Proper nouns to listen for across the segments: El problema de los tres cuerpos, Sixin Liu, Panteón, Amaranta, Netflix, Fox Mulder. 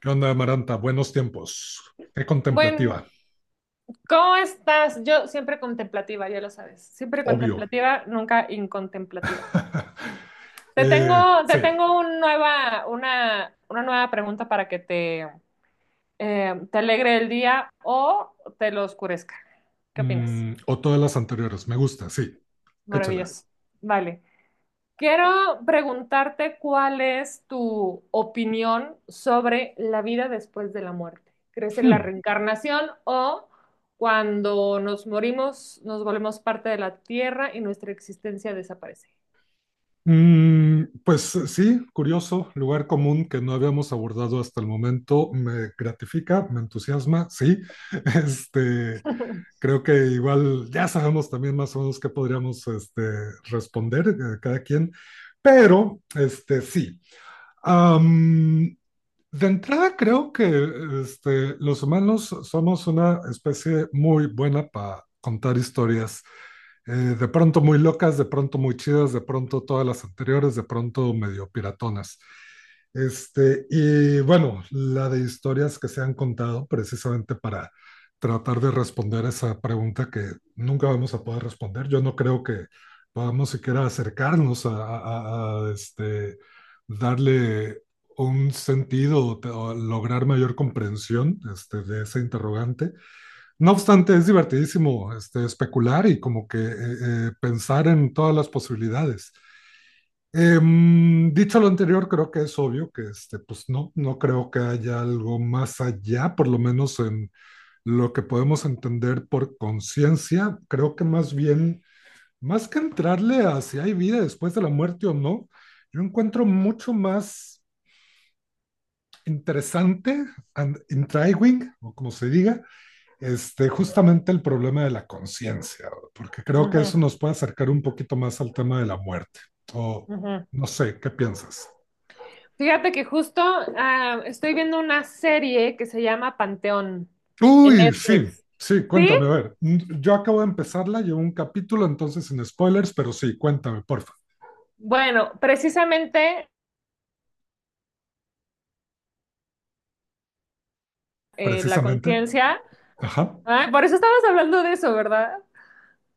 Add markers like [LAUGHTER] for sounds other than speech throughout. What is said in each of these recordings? ¿Qué onda, Amaranta? Buenos tiempos. Qué contemplativa, Bueno, ¿cómo estás? Yo siempre contemplativa, ya lo sabes. Siempre obvio. contemplativa, nunca incontemplativa. [LAUGHS] Te Eh, tengo, te sí, tengo una nueva pregunta para que te alegre el día o te lo oscurezca. ¿Qué opinas? O todas las anteriores, me gusta, sí, échala. Maravilloso. Vale. Quiero preguntarte cuál es tu opinión sobre la vida después de la muerte. ¿Crees en la Hmm. reencarnación o cuando nos morimos nos volvemos parte de la tierra y nuestra existencia desaparece? Pues sí, curioso, lugar común que no habíamos abordado hasta el momento, me gratifica, me entusiasma, sí. [LAUGHS] Este, Creo que igual ya sabemos también más o menos qué podríamos responder cada quien, pero sí. Am, De entrada creo que los humanos somos una especie muy buena para contar historias, de pronto muy locas, de pronto muy chidas, de pronto todas las anteriores, de pronto medio piratonas. Y bueno, la de historias que se han contado precisamente para tratar de responder esa pregunta que nunca vamos a poder responder. Yo no creo que podamos siquiera acercarnos a darle un sentido o lograr mayor comprensión, de ese interrogante. No obstante, es divertidísimo especular y como que pensar en todas las posibilidades. Eh, Dicho lo anterior, creo que es obvio que pues no creo que haya algo más allá, por lo menos en lo que podemos entender por conciencia. Creo que más bien, más que entrarle a si hay vida después de la muerte o no, yo encuentro mucho más interesante, and intriguing, o como se diga, justamente el problema de la conciencia, porque creo que Ujú, eso nos puede acercar un poquito más al tema de la muerte. O ujú. no sé, ¿qué piensas? Fíjate que estoy viendo una serie que se llama Panteón en Uy, sí, Netflix. sí, ¿Sí? cuéntame, a ver. Yo acabo de empezarla, llevo un capítulo, entonces sin spoilers, pero sí, cuéntame, porfa. Bueno, precisamente la Precisamente, conciencia. ajá, Ay, por eso estabas hablando de eso, ¿verdad?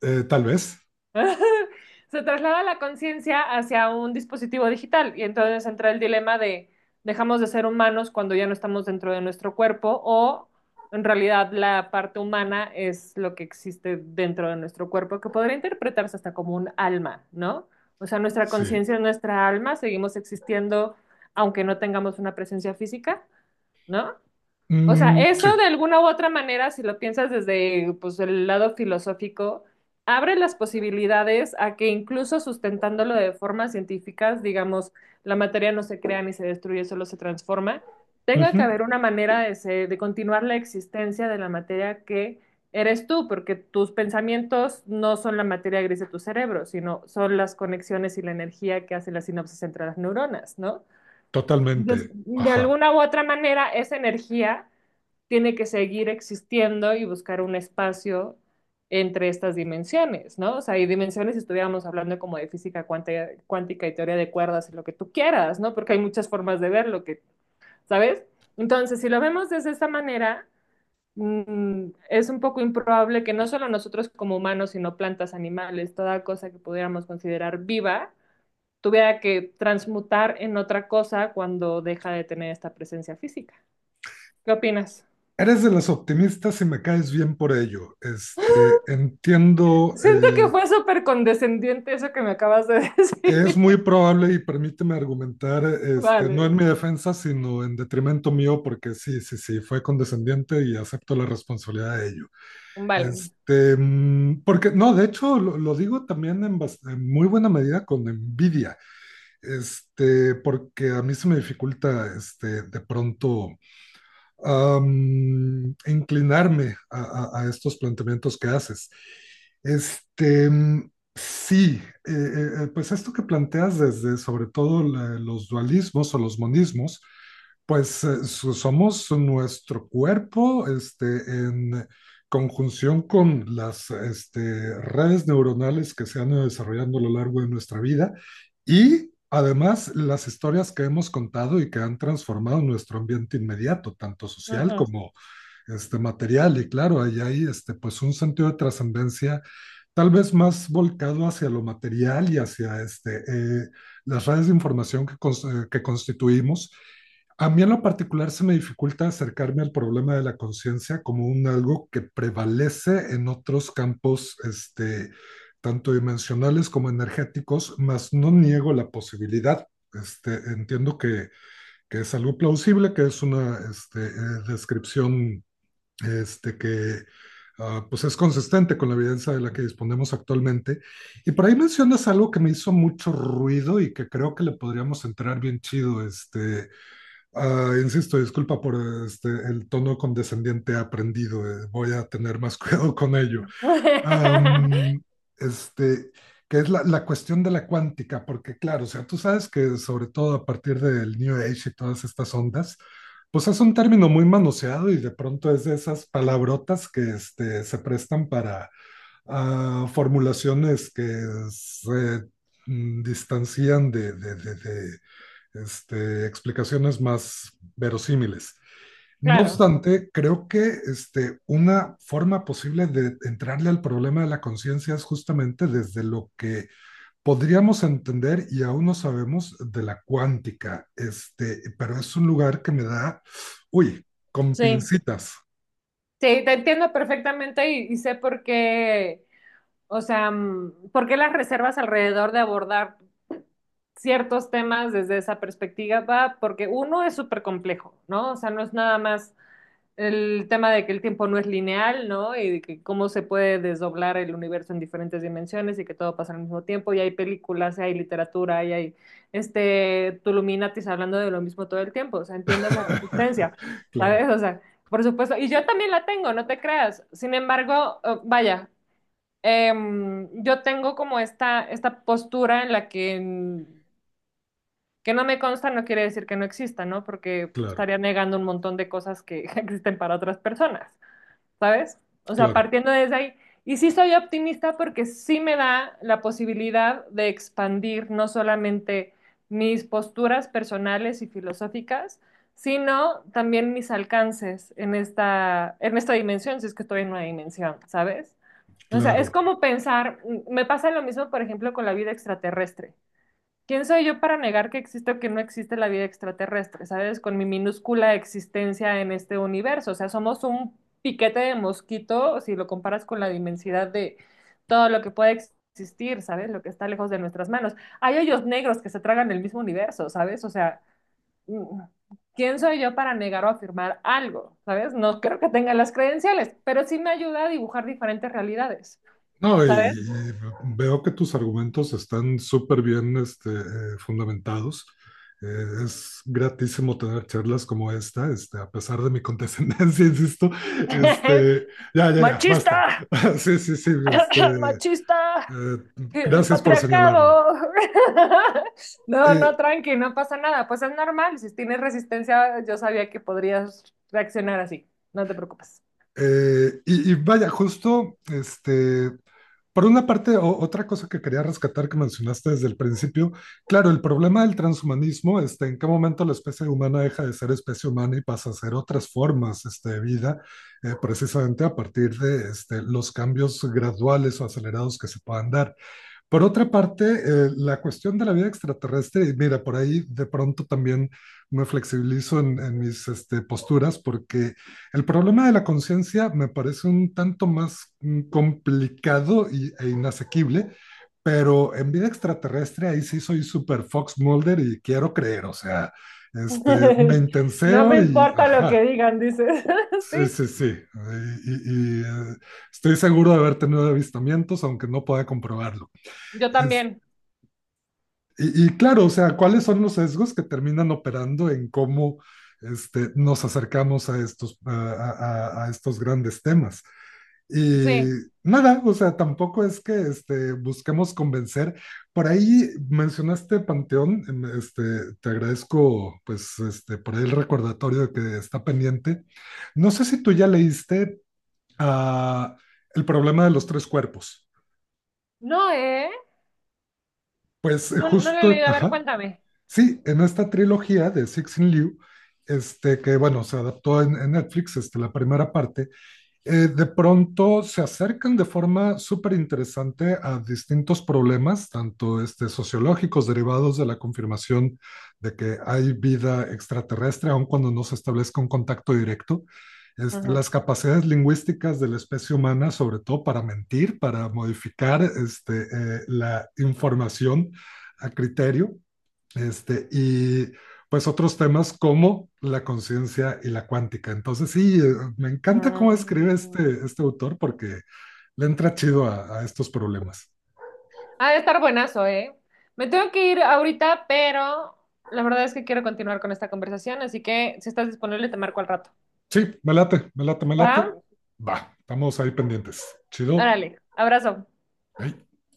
tal vez, [LAUGHS] Se traslada la conciencia hacia un dispositivo digital y entonces entra el dilema de dejamos de ser humanos cuando ya no estamos dentro de nuestro cuerpo o en realidad la parte humana es lo que existe dentro de nuestro cuerpo, que podría interpretarse hasta como un alma, ¿no? O sea, nuestra sí. conciencia es nuestra alma, seguimos existiendo aunque no tengamos una presencia física, ¿no? O sea, eso Sí, de alguna u otra manera, si lo piensas desde pues, el lado filosófico, abre las posibilidades a que incluso sustentándolo de formas científicas, digamos, la materia no se crea ni se destruye, solo se transforma, tenga ujú, que haber una manera de, de continuar la existencia de la materia que eres tú, porque tus pensamientos no son la materia gris de tu cerebro, sino son las conexiones y la energía que hacen las sinapsis entre las neuronas, ¿no? Entonces, totalmente, de ajá. alguna u otra manera, esa energía tiene que seguir existiendo y buscar un espacio entre estas dimensiones, ¿no? O sea, hay dimensiones si estuviéramos hablando como de física cuántica, cuántica y teoría de cuerdas y lo que tú quieras, ¿no? Porque hay muchas formas de verlo, que, ¿sabes? Entonces, si lo vemos desde esta manera, es un poco improbable que no solo nosotros como humanos, sino plantas, animales, toda cosa que pudiéramos considerar viva, tuviera que transmutar en otra cosa cuando deja de tener esta presencia física. ¿Qué opinas? Eres de las optimistas y me caes bien por ello. Entiendo, Siento que fue súper condescendiente eso que me acabas de es decir. muy probable y permíteme argumentar, [LAUGHS] no Vale, en mi defensa, sino en detrimento mío, porque sí, sí, sí, fue condescendiente y acepto la responsabilidad de ello. vale. Porque, no, de hecho, lo digo también en, en muy buena medida con envidia, porque a mí se me dificulta, de pronto inclinarme a estos planteamientos que haces. Este, sí, pues esto que planteas desde sobre todo los dualismos o los monismos, pues somos nuestro cuerpo, en conjunción con las, redes neuronales que se han ido desarrollando a lo largo de nuestra vida y además las historias que hemos contado y que han transformado nuestro ambiente inmediato, tanto social Ajá. como material y claro, ahí hay pues un sentido de trascendencia tal vez más volcado hacia lo material y hacia las redes de información que, que constituimos. A mí en lo particular se me dificulta acercarme al problema de la conciencia como un algo que prevalece en otros campos, tanto dimensionales como energéticos, mas no niego la posibilidad. Entiendo que es algo plausible, que es una descripción que pues es consistente con la evidencia de la que disponemos actualmente. Y por ahí mencionas algo que me hizo mucho ruido y que creo que le podríamos entrar bien chido. Insisto, disculpa por el tono condescendiente aprendido, voy a tener más [LAUGHS] cuidado con ello. [LAUGHS] Am, este, que es la cuestión de la cuántica, porque claro, o sea, tú sabes que sobre todo a partir del New Age y todas estas ondas, pues es un término muy manoseado y de pronto es de esas palabrotas que se prestan para formulaciones que se distancian de explicaciones más verosímiles. No Claro, obstante, creo que una forma posible de entrarle al problema de la conciencia es justamente desde lo que podríamos entender y aún no sabemos de la cuántica, pero es un lugar que me da, uy, con sí. pincitas. Sí, te entiendo perfectamente y sé por qué, o sea, por qué las reservas alrededor de abordar ciertos temas desde esa perspectiva, va, porque uno es súper complejo, ¿no? O sea, no es nada más el tema de que el tiempo no es lineal, ¿no? Y de que cómo se puede desdoblar el universo en diferentes dimensiones y que todo pasa al mismo tiempo. Y hay películas, y hay literatura, y hay este Tuluminatis hablando de lo mismo todo el tiempo. O sea, entiendo la [LAUGHS] resistencia, Claro, ¿sabes? O sea, por supuesto. Y yo también la tengo, no te creas. Sin embargo, vaya, yo tengo como esta postura en la que, que no me consta, no quiere decir que no exista, ¿no? Porque claro, estaría negando un montón de cosas que [LAUGHS] existen para otras personas. ¿Sabes? O sea, claro, partiendo desde ahí. Y sí soy optimista porque sí me da la posibilidad de expandir no solamente mis posturas personales y filosóficas, sino también mis alcances en esta dimensión, si es que estoy en una dimensión, ¿sabes? O sea, es claro. como pensar, me pasa lo mismo, por ejemplo, con la vida extraterrestre. ¿Quién soy yo para negar que existe o que no existe la vida extraterrestre? ¿Sabes? Con mi minúscula existencia en este universo. O sea, somos un piquete de mosquito si lo comparas con la inmensidad de todo lo que puede existir, ¿sabes? Lo que está lejos de nuestras manos. Hay hoyos negros que se tragan el mismo universo, ¿sabes? O sea, mm, ¿quién soy yo para negar o afirmar algo? ¿Sabes? No creo que tenga las credenciales, pero sí me ayuda a dibujar diferentes realidades, No, ¿sabes? y veo que tus argumentos están súper bien fundamentados. Es gratísimo tener charlas como esta, a pesar de mi condescendencia, [LAUGHS] insisto. Este, ya, [LAUGHS] ya, ya, basta. ¡Machista! [LAUGHS] Sí, sí, sí. [COUGHS] ¡Machista! eh, El Gracias por señalarlo. patriarcado. [LAUGHS] No, no, Eh, tranqui, no pasa nada. Pues es normal. Si tienes resistencia, yo sabía que podrías reaccionar así. No te preocupes. Y vaya, justo por una parte, otra cosa que quería rescatar que mencionaste desde el principio, claro, el problema del transhumanismo, en qué momento la especie humana deja de ser especie humana y pasa a ser otras formas, de vida, precisamente a partir de, los cambios graduales o acelerados que se puedan dar. Por otra parte, la cuestión de la vida extraterrestre, y mira, por ahí de pronto también me flexibilizo en mis posturas, porque el problema de la conciencia me parece un tanto más complicado e inasequible, pero en vida extraterrestre ahí sí soy super Fox Mulder y quiero creer, o sea, me [LAUGHS] No me intenseo y importa lo que ajá. digan, dices. [LAUGHS] Sí, Sí, sí, sí. Y, y, estoy seguro de haber tenido avistamientos, aunque no pueda comprobarlo. yo también. Y claro, o sea, ¿cuáles son los sesgos que terminan operando en cómo nos acercamos a estos grandes temas? Y Sí. nada, o sea, tampoco es que busquemos convencer. Por ahí mencionaste Panteón, te agradezco pues por ahí el recordatorio de que está pendiente. No sé si tú ya leíste ah, El problema de los tres cuerpos. No, ¿eh? Pues No, no lo he justo, leído. A ver, ajá. cuéntame. Sí, en esta trilogía de Sixin Liu, que bueno, se adaptó en Netflix, la primera parte, de pronto se acercan de forma súper interesante a distintos problemas, tanto sociológicos derivados de la confirmación de que hay vida extraterrestre, aun cuando no se establezca un contacto directo, Ujú. las capacidades lingüísticas de la especie humana, sobre todo para mentir, para modificar la información a criterio y pues otros temas como la conciencia y la cuántica. Entonces, sí, me encanta cómo escribe Mm. este autor porque le entra chido a estos problemas. Ha de estar buenazo, ¿eh? Me tengo que ir ahorita, pero la verdad es que quiero continuar con esta conversación, así que si estás disponible, te marco al rato. Sí, me late, me late, me late. ¿Va? Va, estamos ahí pendientes. Chido. Órale, abrazo. Ey.